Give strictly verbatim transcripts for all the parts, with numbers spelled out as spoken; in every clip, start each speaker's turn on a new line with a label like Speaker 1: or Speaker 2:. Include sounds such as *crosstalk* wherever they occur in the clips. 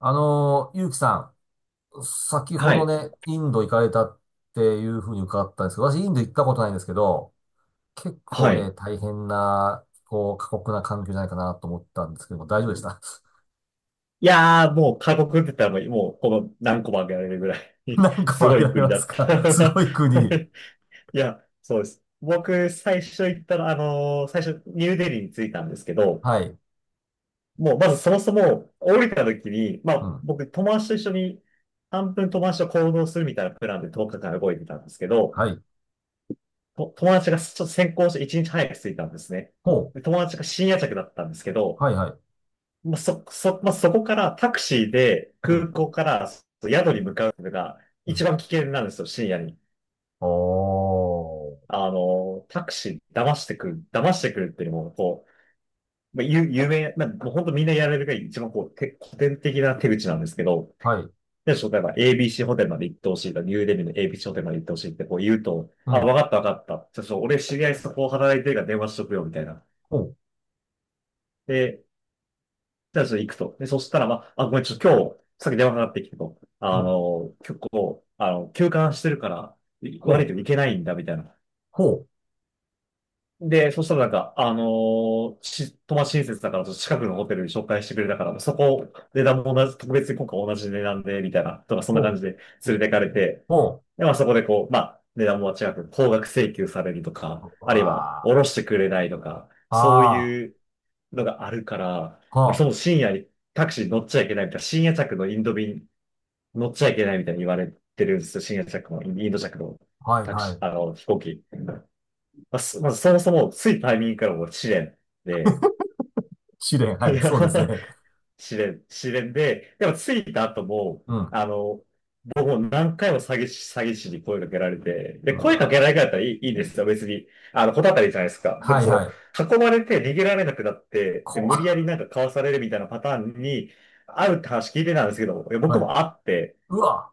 Speaker 1: あのー、ゆうきさん、先ほ
Speaker 2: は
Speaker 1: ど
Speaker 2: い。
Speaker 1: ね、インド行かれたっていうふうに伺ったんですけど、私インド行ったことないんですけど、結構
Speaker 2: は
Speaker 1: ね、
Speaker 2: い。
Speaker 1: 大変な、こう、過酷な環境じゃないかなと思ったんですけども、大丈夫でした？ *laughs*
Speaker 2: いやー、もう過酷って言ったらもう、もうこの何個も挙げられるぐらい *laughs*
Speaker 1: 何個
Speaker 2: す
Speaker 1: も
Speaker 2: ご
Speaker 1: 挙
Speaker 2: い
Speaker 1: げられ
Speaker 2: 国
Speaker 1: ま
Speaker 2: だ
Speaker 1: す
Speaker 2: った。
Speaker 1: か？ *laughs* すごい国。
Speaker 2: *laughs* いや、そうです。僕、最初行ったら、あのー最初、ニューデリーに着いたんですけど、
Speaker 1: はい。
Speaker 2: もう、まずそもそも、降りた時に、ま
Speaker 1: う
Speaker 2: あ、
Speaker 1: ん。
Speaker 2: 僕、友達と一緒に、半分友達と行動するみたいなプランでとおかかん動いてたんですけど、
Speaker 1: はい。
Speaker 2: と友達がちょっと先行していちにち早く着いたんですね。
Speaker 1: ほ
Speaker 2: で
Speaker 1: う。
Speaker 2: 友達が深夜着だったんですけど、
Speaker 1: はいはい。
Speaker 2: まあ、そ、そ、まあ、そこからタクシーで
Speaker 1: う
Speaker 2: 空
Speaker 1: ん。
Speaker 2: 港からそう宿に向かうのが
Speaker 1: う
Speaker 2: 一
Speaker 1: ん。
Speaker 2: 番危険なんですよ、深夜に。
Speaker 1: おー。
Speaker 2: あの、タクシー騙してくる、騙してくるっていうのも、こう、まあ、有、有名、まあ、もう本当みんなやられるが一番こう、て古典的な手口なんですけど、
Speaker 1: はい。
Speaker 2: で、例えば エービーシー ホテルまで行ってほしいとか、ニューデリーの エービーシー ホテルまで行ってほしいってこう言うと、
Speaker 1: う
Speaker 2: あ、
Speaker 1: ん。
Speaker 2: わかったわかった。ちょっと俺知り合いそこ働いてるから電話しとくよ、みたいな。
Speaker 1: ほう。
Speaker 2: で、じゃあちょっと行くと。で、そしたら、まあ、あ、ごめん、ちょっと今日、さっき電話かかってきてと、
Speaker 1: う
Speaker 2: あ
Speaker 1: ん。
Speaker 2: の、結構、あの、休館してるから、い
Speaker 1: ほ
Speaker 2: 悪い
Speaker 1: う。
Speaker 2: けど行けないんだ、みたいな。
Speaker 1: ほう。
Speaker 2: で、そしたらなんか、あのし、友達親切だから、ちょっと近くのホテルに紹介してくれたから、そこ、値段も同じ、特別に今回同じ値段で、みたいな、とか、そん
Speaker 1: ほ
Speaker 2: な感じで
Speaker 1: う。
Speaker 2: 連れてかれて、
Speaker 1: ほ
Speaker 2: で、まあそこでこう、まあ値段も違く高額請求されると
Speaker 1: う。
Speaker 2: か、あるいは
Speaker 1: わ
Speaker 2: 下ろ
Speaker 1: ー。
Speaker 2: してくれないとか、そう
Speaker 1: あ
Speaker 2: いうのがあるから、
Speaker 1: ー。
Speaker 2: そ
Speaker 1: は
Speaker 2: の深夜にタクシー乗っちゃいけないみたいな、深夜着のインド便乗っちゃいけないみたいに言われてるんですよ。深夜着のインド着の
Speaker 1: あ。はい
Speaker 2: タク
Speaker 1: は
Speaker 2: シー、
Speaker 1: い。
Speaker 2: あの、飛行機。まあ、そまずそもそも、ついタイミングからもう試練で、
Speaker 1: 試練。
Speaker 2: *laughs* い
Speaker 1: はい。
Speaker 2: や
Speaker 1: そうですね。
Speaker 2: 試練、試練で、でも着いた後も、
Speaker 1: うん。
Speaker 2: あの、僕も何回も詐欺師、詐欺師に声かけられて、
Speaker 1: う
Speaker 2: で、声かけ
Speaker 1: わ。
Speaker 2: られなかったらいい、いいんですよ、別に。あの、こたたりじゃないですか。でも
Speaker 1: はい
Speaker 2: そ
Speaker 1: は
Speaker 2: の、
Speaker 1: い。
Speaker 2: 囲まれて逃げられなくなって、で、
Speaker 1: こ
Speaker 2: 無理や
Speaker 1: わ。
Speaker 2: りなんかかわされるみたいなパターンに、あうって話聞いてたんですけど、いや僕
Speaker 1: はい。
Speaker 2: も会って、
Speaker 1: うわ。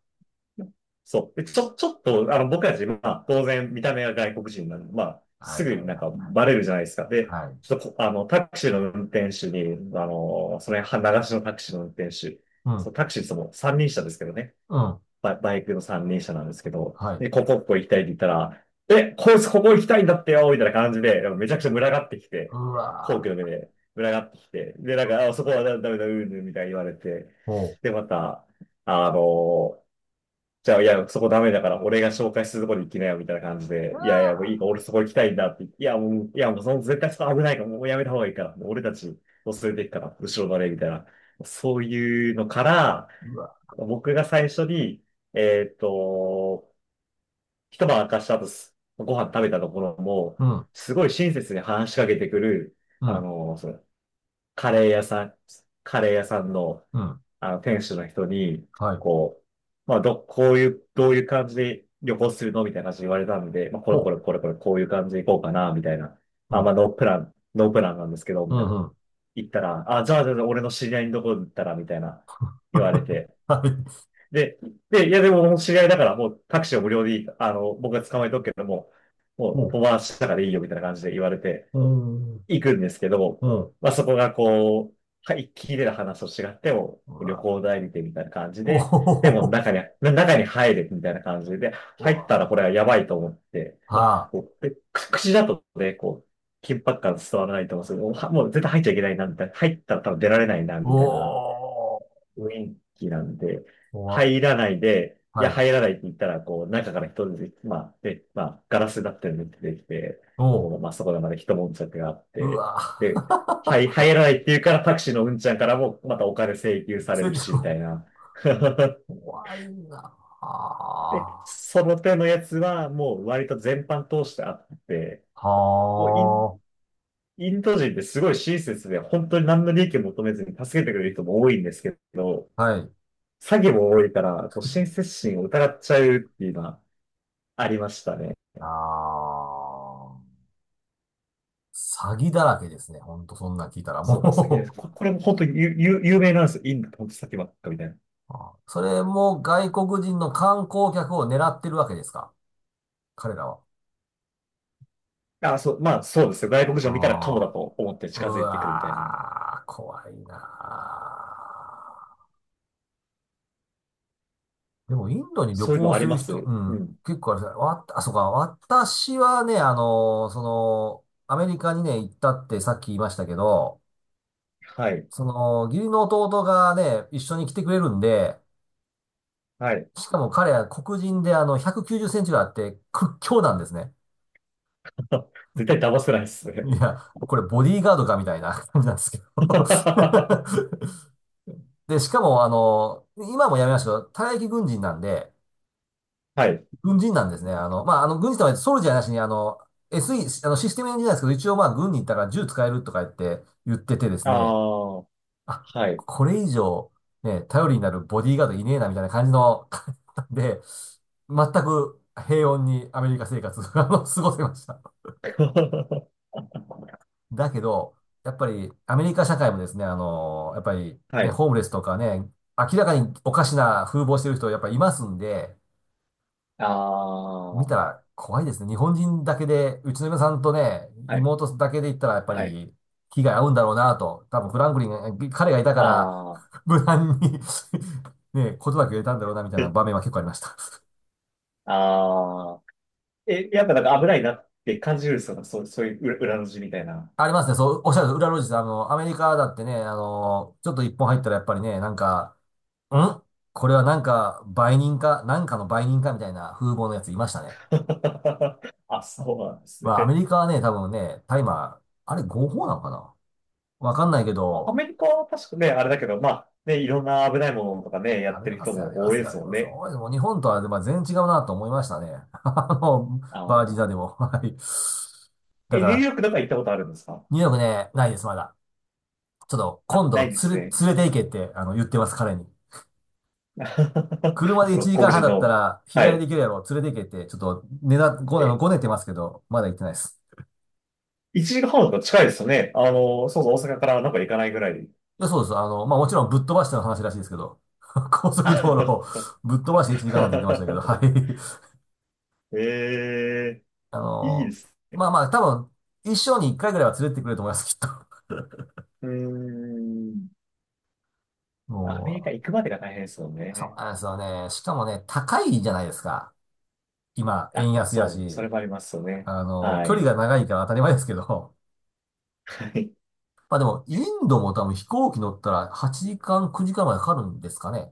Speaker 2: そう。で、ちょ、ちょっと、あの、僕たち、まあ、当然、見た目が外国人なんで、まあ、
Speaker 1: は
Speaker 2: す
Speaker 1: い
Speaker 2: ぐ
Speaker 1: はいは
Speaker 2: に
Speaker 1: い
Speaker 2: なん
Speaker 1: は
Speaker 2: か
Speaker 1: い。
Speaker 2: バレるじゃないですか。で、
Speaker 1: はい。
Speaker 2: ちょっとこ、あの、タクシーの運転手に、あの、それ、は流しのタクシーの運転手、
Speaker 1: う
Speaker 2: そ
Speaker 1: ん。
Speaker 2: う、タクシーそのも三輪車ですけどね。
Speaker 1: うん。
Speaker 2: バ、バイクの三輪車なんですけど、
Speaker 1: はい。
Speaker 2: で、ここ、ここ行きたいって言ったら、え、こいつここ行きたいんだってよみたいな感じで、めちゃくちゃ群がってき
Speaker 1: う
Speaker 2: て、皇居
Speaker 1: わ。
Speaker 2: の目で群がってきて、で、なんか、あ、そこはダメだ、うんぬんみたいに言われて、
Speaker 1: ほ
Speaker 2: で、また、あのじゃあ、いや、そこダメだから、俺が紹介するとこに行きなよ、みたいな感じ
Speaker 1: う。う
Speaker 2: で、いやいや、もういいか、
Speaker 1: わ。
Speaker 2: 俺そこ行きたいんだって言って、いや、もう、いや、もうその絶対そこ危ないから、もうやめた方がいいから、もう俺たちを連れて行くから、後ろバレ、みたいな。そういうのから、
Speaker 1: うわ。
Speaker 2: 僕が最初に、えっと、一晩明かした後、すご飯食べたところも、
Speaker 1: うん。
Speaker 2: すごい親切に話しかけてくる、
Speaker 1: う
Speaker 2: あ
Speaker 1: ん。
Speaker 2: の、その、カレー屋さん、カレー屋さんの
Speaker 1: うん。
Speaker 2: あの、店主の人に、
Speaker 1: はい。
Speaker 2: こう、まあ、ど、こういう、どういう感じで旅行するのみたいな感じで言われたんで、まあ、これ
Speaker 1: ほ
Speaker 2: これこれこれ、こういう感じで行こうかな、みたいな。
Speaker 1: う。う
Speaker 2: あ、まあ、
Speaker 1: ん。
Speaker 2: ノープラン、ノープランなんですけど、
Speaker 1: う
Speaker 2: みたいな。
Speaker 1: ん。うん。
Speaker 2: 行ったら、あ、じゃあ、じゃあ、じゃあ俺の知り合いのところに行ったら、みたいな、言われ
Speaker 1: *laughs*
Speaker 2: て。
Speaker 1: はい。
Speaker 2: で、で、いや、でも、もう知り合いだから、もうタクシーを無料でいい、あの、僕が捕まえとくけども、も
Speaker 1: ほ
Speaker 2: う、友
Speaker 1: う。
Speaker 2: 達だからいいよ、みたいな感じで言われて。
Speaker 1: ほう。
Speaker 2: 行くんですけど、
Speaker 1: ほう。
Speaker 2: まあそこがこう、はい、聞いてた話と違っても、
Speaker 1: う
Speaker 2: 旅
Speaker 1: わ。
Speaker 2: 行代理店みたいな感じ
Speaker 1: お
Speaker 2: で、
Speaker 1: ほほ
Speaker 2: で
Speaker 1: ほ
Speaker 2: も
Speaker 1: ほ。
Speaker 2: 中に、中に入れみたいな感じで、
Speaker 1: う
Speaker 2: 入ったら
Speaker 1: わ。
Speaker 2: これはやばいと思って、
Speaker 1: は
Speaker 2: まあ、
Speaker 1: あ。
Speaker 2: こう、でく口だとね、こう、緊迫感伝わらないと思うんですけど、はもう絶対入っちゃいけないな、みたいな。入ったら多分出られないな、
Speaker 1: お
Speaker 2: みたいな
Speaker 1: ー。
Speaker 2: 雰囲気なんで、
Speaker 1: こわ。
Speaker 2: 入らないで、い
Speaker 1: は
Speaker 2: や、
Speaker 1: い。
Speaker 2: 入らないって言ったら、こう、中から人で、まあ、で、まあ、ガラスだったりで出てきて、
Speaker 1: お
Speaker 2: こ
Speaker 1: う。
Speaker 2: う、まあ、そこでまで一悶着があっ
Speaker 1: う
Speaker 2: て、で、はい、
Speaker 1: わ。*laughs*
Speaker 2: 入らないって言うからタクシーのうんちゃんからも、またお金請求され
Speaker 1: せ
Speaker 2: る
Speaker 1: り
Speaker 2: し、
Speaker 1: ふ。
Speaker 2: みたい
Speaker 1: *laughs*。
Speaker 2: な。*laughs*
Speaker 1: 怖いな
Speaker 2: で、
Speaker 1: あ…
Speaker 2: その手のやつは、もう割と全般通してあって、
Speaker 1: は
Speaker 2: もうイン、インド人ってすごい親切で、本当に何の利益を求めずに助けてくれる人も多いんですけど、
Speaker 1: あ。はい。
Speaker 2: 詐欺も多いから、こう、親切心を疑っちゃうっていうのはありましたね。
Speaker 1: あ。ああ。詐欺だらけですね。ほんと、そんなん聞いたら
Speaker 2: そう、詐欺で
Speaker 1: も
Speaker 2: す。
Speaker 1: う。
Speaker 2: ここれも本当に有、有有名なんですよ。インド本当詐欺ばっかみたい
Speaker 1: *laughs* あー、それも外国人の観光客を狙ってるわけですか、彼らは？
Speaker 2: な。あ、そう、まあそうですよ。外国人を見たらカモだ
Speaker 1: ああ。
Speaker 2: と思って
Speaker 1: う
Speaker 2: 近づいてくるみたいな。
Speaker 1: わー、怖いなー。でも、インドに旅
Speaker 2: そういう
Speaker 1: 行
Speaker 2: のあ
Speaker 1: す
Speaker 2: り
Speaker 1: る
Speaker 2: ま
Speaker 1: 人、
Speaker 2: す
Speaker 1: う
Speaker 2: う
Speaker 1: ん、
Speaker 2: ん。
Speaker 1: 結構あれですねわ、あ、そうか、私はね、あのーその、アメリカにね、行ったってさっき言いましたけど、
Speaker 2: はい。
Speaker 1: その、義理の弟がね、一緒に来てくれるんで、
Speaker 2: はい。
Speaker 1: しかも彼は黒人であのひゃくきゅうじゅっセンチがあって屈強なんですね。
Speaker 2: *laughs* 絶対騙せないっすね。
Speaker 1: いや、これボディーガードかみたいな感じなんですけど。
Speaker 2: *laughs* は
Speaker 1: *laughs* で、しかもあの、今もやめましたけど、退役軍人なんで、
Speaker 2: い。
Speaker 1: 軍人なんですね。あの、まあ、あの、軍人とはソルジャーなしにあの、エスイー、あの、システムエンジニアですけど、一応まあ、軍に行ったから銃使えるとか言って言っててです
Speaker 2: あ
Speaker 1: ね、
Speaker 2: あ、は
Speaker 1: あ、
Speaker 2: い。
Speaker 1: これ以上、ね、頼りになるボディーガードいねえなみたいな感じの方で、全く平穏にアメリカ生活をあの過ごせました。
Speaker 2: *laughs*
Speaker 1: だけど、やっぱりアメリカ社会もですね、あの、やっぱり
Speaker 2: は
Speaker 1: ね、
Speaker 2: い。
Speaker 1: ホームレスとかね、明らかにおかしな風貌してる人やっぱりいますんで、
Speaker 2: ああ、
Speaker 1: 見た
Speaker 2: は
Speaker 1: ら怖いですね。日本人だけで、うちの嫁さんとね、
Speaker 2: い。
Speaker 1: 妹だけで言ったらやっぱ
Speaker 2: はい。
Speaker 1: り被害合うんだろうなと。多分フランクリンが、彼がいたから、
Speaker 2: あ
Speaker 1: *laughs* 無難に *laughs* ね、ことだけ言えたんだろうなみたいな場面は結構ありました。
Speaker 2: あ、*laughs* ああ。え、やっぱなんか危ないなって感じるんですよ。そう、そういう裏裏の字みたいな。
Speaker 1: ありますね。そう、おっしゃる、裏路地さん、あの、アメリカだってね、あの、ちょっと一本入ったらやっぱりね、なんか、ん、これはなんか、売人か、なんかの売人かみたいな風貌のやついましたね。
Speaker 2: *laughs* あ、そうなんです
Speaker 1: まあ、アメ
Speaker 2: ね。
Speaker 1: リカはね、多分ね、大麻、あれ合法なのかな、わかんないけ
Speaker 2: あア
Speaker 1: ど、
Speaker 2: メリカは確かね、あれだけど、まあ、ね、いろんな危ないものとかね、や
Speaker 1: あ
Speaker 2: っ
Speaker 1: り
Speaker 2: てる
Speaker 1: ま
Speaker 2: 人
Speaker 1: すよ、あり
Speaker 2: も
Speaker 1: ま
Speaker 2: 多い
Speaker 1: す
Speaker 2: で
Speaker 1: よ、あ
Speaker 2: す
Speaker 1: り
Speaker 2: もん
Speaker 1: ますよ。
Speaker 2: ね。
Speaker 1: おい、もう日本とは、まあ、全然違うなと思いましたね。*laughs* あの、
Speaker 2: あ
Speaker 1: バージニアで
Speaker 2: あ。
Speaker 1: も。はい。だ
Speaker 2: え、
Speaker 1: か
Speaker 2: ニューヨ
Speaker 1: ら、
Speaker 2: ークとか行ったことあるんですか？
Speaker 1: ニューヨークね、ないです、まだ。ちょっと、
Speaker 2: あ、
Speaker 1: 今
Speaker 2: な
Speaker 1: 度、
Speaker 2: いで
Speaker 1: つ
Speaker 2: す
Speaker 1: れ、
Speaker 2: ね。
Speaker 1: 連れて行けって、あの、言ってます、彼に。
Speaker 2: *laughs*
Speaker 1: 車
Speaker 2: あ、
Speaker 1: で
Speaker 2: その
Speaker 1: 1時
Speaker 2: 黒
Speaker 1: 間半
Speaker 2: 人
Speaker 1: だった
Speaker 2: の。
Speaker 1: ら、日
Speaker 2: は
Speaker 1: 帰りで
Speaker 2: い。
Speaker 1: きるやろ、連れて行けって、ちょっと、ねだ、ご、あの、
Speaker 2: え、
Speaker 1: ごねてますけど、まだ行ってないです。
Speaker 2: いちじかんはんとか近いですよね。あの、そうそう、大阪からなんか行かないぐらい。
Speaker 1: いや、そうです。あの、まあ、もちろんぶっ飛ばしての話らしいですけど、*laughs* 高速道路を
Speaker 2: *laughs*
Speaker 1: ぶっ飛ばしていち、時間半って言ってましたけど、はい。
Speaker 2: ええ、
Speaker 1: あ
Speaker 2: いいで
Speaker 1: の、
Speaker 2: す。
Speaker 1: まあまあ、多分、一生に一回ぐらいは連れてってくれると思います、きっと。
Speaker 2: うーん。
Speaker 1: *laughs*
Speaker 2: アメリ
Speaker 1: も
Speaker 2: カ行くまでが大変ですよ
Speaker 1: う、そう
Speaker 2: ね。
Speaker 1: なんですよね。しかもね、高いじゃないですか。今、円
Speaker 2: あ、
Speaker 1: 安や
Speaker 2: そう、
Speaker 1: し、
Speaker 2: それもありますよね。
Speaker 1: あの、
Speaker 2: は
Speaker 1: 距離
Speaker 2: い。
Speaker 1: が長いから当たり前ですけど。
Speaker 2: はい。
Speaker 1: *laughs* まあでも、インドも多分飛行機乗ったらはちじかん、くじかんまでかかるんですかね。なん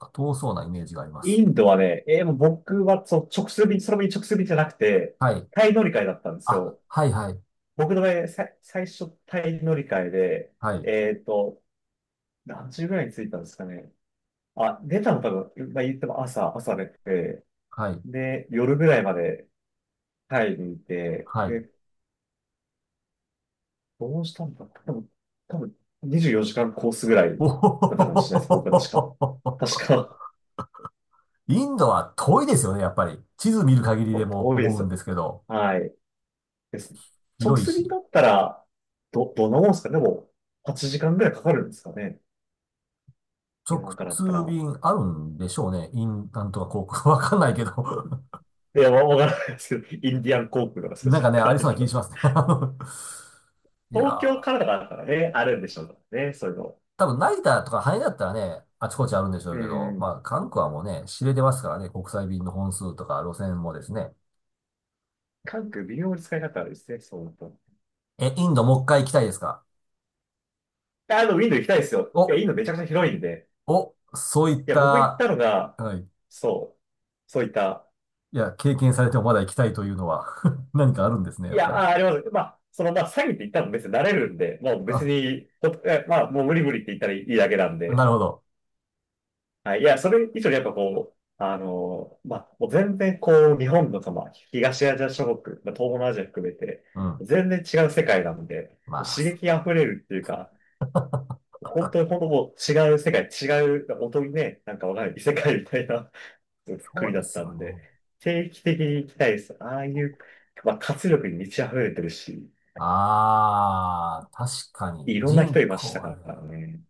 Speaker 1: か遠そうなイメージがありま
Speaker 2: イ
Speaker 1: す。
Speaker 2: ンドはね、えーもう僕はそう直通便、その便直通便じゃなくて、
Speaker 1: はい。
Speaker 2: タイ乗り換えだったんです
Speaker 1: あ、
Speaker 2: よ。
Speaker 1: はいはい。
Speaker 2: 僕の場合、さ、最初タイ乗り換えで、
Speaker 1: はい。
Speaker 2: えっと、何時ぐらいに着いたんですかね。あ、出たの多分、まあ、言っても朝、朝出て、
Speaker 1: はい。
Speaker 2: で、夜ぐらいまでタイにいて、
Speaker 1: はい。
Speaker 2: で、どうしたんだ多分、多分にじゅうよじかんコースぐらいだったか
Speaker 1: お
Speaker 2: もしれないです。僕は確か。確
Speaker 1: ー。
Speaker 2: か
Speaker 1: *laughs* インドは遠いですよね、やっぱり。地図見る限り
Speaker 2: お
Speaker 1: でも
Speaker 2: 遠いで
Speaker 1: 思うん
Speaker 2: す。
Speaker 1: ですけど、
Speaker 2: はい。です。直
Speaker 1: 広い
Speaker 2: 通便
Speaker 1: し。
Speaker 2: だったら、ど、どんなもんですかね。でも、はちじかんぐらいかかるんですかね。日
Speaker 1: 直
Speaker 2: 本からだった
Speaker 1: 通
Speaker 2: ら。
Speaker 1: 便あるんでしょうね。イン、なんとか航空。*laughs* わかんないけど。 *laughs*。
Speaker 2: いや、わわからないですけど、インディアン航空とかそうい
Speaker 1: な
Speaker 2: う
Speaker 1: ん
Speaker 2: の
Speaker 1: か
Speaker 2: わ
Speaker 1: ね、
Speaker 2: か
Speaker 1: あり
Speaker 2: らな
Speaker 1: そ
Speaker 2: い
Speaker 1: うな
Speaker 2: け
Speaker 1: 気
Speaker 2: ど、
Speaker 1: しますね。*laughs* あの、いや
Speaker 2: 東京
Speaker 1: ー、
Speaker 2: からだからね、あるんでしょうからね、そういうの。
Speaker 1: 多分成田とか羽田だったらね、あちこちあるんでしょ
Speaker 2: う
Speaker 1: うけど、
Speaker 2: ん。
Speaker 1: まあ、韓国はもうね、知れてますからね、国際便の本数とか路線もですね。
Speaker 2: 関空微妙に使い方あるですね、そうなると。
Speaker 1: え、インドもう一回行きたいですか？
Speaker 2: あの、ウィンドウ行きたいですよ。いや、
Speaker 1: お、
Speaker 2: インドめちゃくちゃ広いんで。
Speaker 1: お、そういっ
Speaker 2: いや、僕行っ
Speaker 1: た、
Speaker 2: たのが、
Speaker 1: はい。
Speaker 2: そう、そういった
Speaker 1: いや、経験されてもまだ行きたいというのは *laughs* 何かあるんですね、
Speaker 2: い
Speaker 1: やっ
Speaker 2: や、
Speaker 1: ぱり。
Speaker 2: あ、あります。まあ、その、まあ、詐欺って言ったら別に慣れるんで、もう別
Speaker 1: あ、
Speaker 2: に、ほえまあ、もう無理無理って言ったらいいだけなん
Speaker 1: な
Speaker 2: で、
Speaker 1: るほど。
Speaker 2: はい。いや、それ以上にやっぱこう、あの、まあ、もう全然こう、日本のその、東アジア諸国、まあ、東南アジア含めて、
Speaker 1: うん。
Speaker 2: 全然違う世界なんで、
Speaker 1: まあ、
Speaker 2: 刺
Speaker 1: そ
Speaker 2: 激あふれるっていうか、本当に本当もう違う世界、違う、本当にね、なんかわかんない異世界みたいな *laughs*
Speaker 1: そ
Speaker 2: 国
Speaker 1: う
Speaker 2: だ
Speaker 1: で
Speaker 2: っ
Speaker 1: す
Speaker 2: た
Speaker 1: よ
Speaker 2: んで、
Speaker 1: ね。
Speaker 2: 定期的に行きたいです。ああいう、まあ、活力に満ち溢れてるし、
Speaker 1: ああ、確か
Speaker 2: い
Speaker 1: に
Speaker 2: ろんな人
Speaker 1: 人
Speaker 2: いまし
Speaker 1: 口
Speaker 2: た
Speaker 1: は
Speaker 2: か
Speaker 1: ね、
Speaker 2: らね。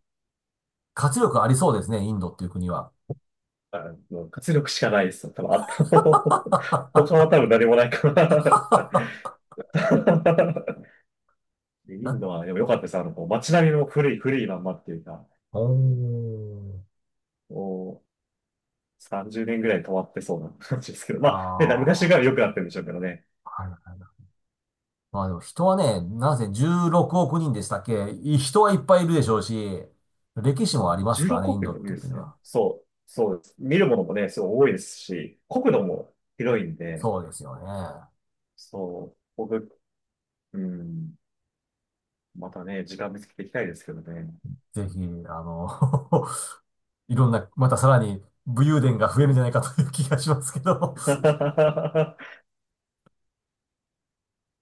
Speaker 1: 活力ありそうですね、インドっていう国は。
Speaker 2: あの、活力しかないですよ。多分、あと *laughs* 他は
Speaker 1: *laughs*
Speaker 2: 多分何もないから。*laughs* イン
Speaker 1: な、
Speaker 2: ドは、でも良かったです。あの、こう街並みも古い、古いまんまっていうか、
Speaker 1: おー。
Speaker 2: もうさんじゅうねんぐらい止まってそうな *laughs* 感じですけど、
Speaker 1: あ
Speaker 2: まあ、ね、昔から
Speaker 1: あ、
Speaker 2: 良くなってるんでしょうけどね。
Speaker 1: はいはいはい。まあでも人はね、なぜじゅうろくおく人でしたっけ、い、人はいっぱいいるでしょうし、歴史も
Speaker 2: あ、
Speaker 1: ありますからね、イ
Speaker 2: じゅうろく
Speaker 1: ン
Speaker 2: 国
Speaker 1: ド
Speaker 2: もい
Speaker 1: って
Speaker 2: い
Speaker 1: い
Speaker 2: で
Speaker 1: う国
Speaker 2: すね。
Speaker 1: は。
Speaker 2: そう、そうです。見るものもね、すごい多いですし、国土も広いんで、
Speaker 1: そうですよね。
Speaker 2: そう、僕、うん、またね、時間見つけていきたいですけどね。
Speaker 1: ぜひ、あの、*laughs* いろんな、またさらに武勇伝が増えるんじゃないかという気がしますけども。
Speaker 2: *laughs*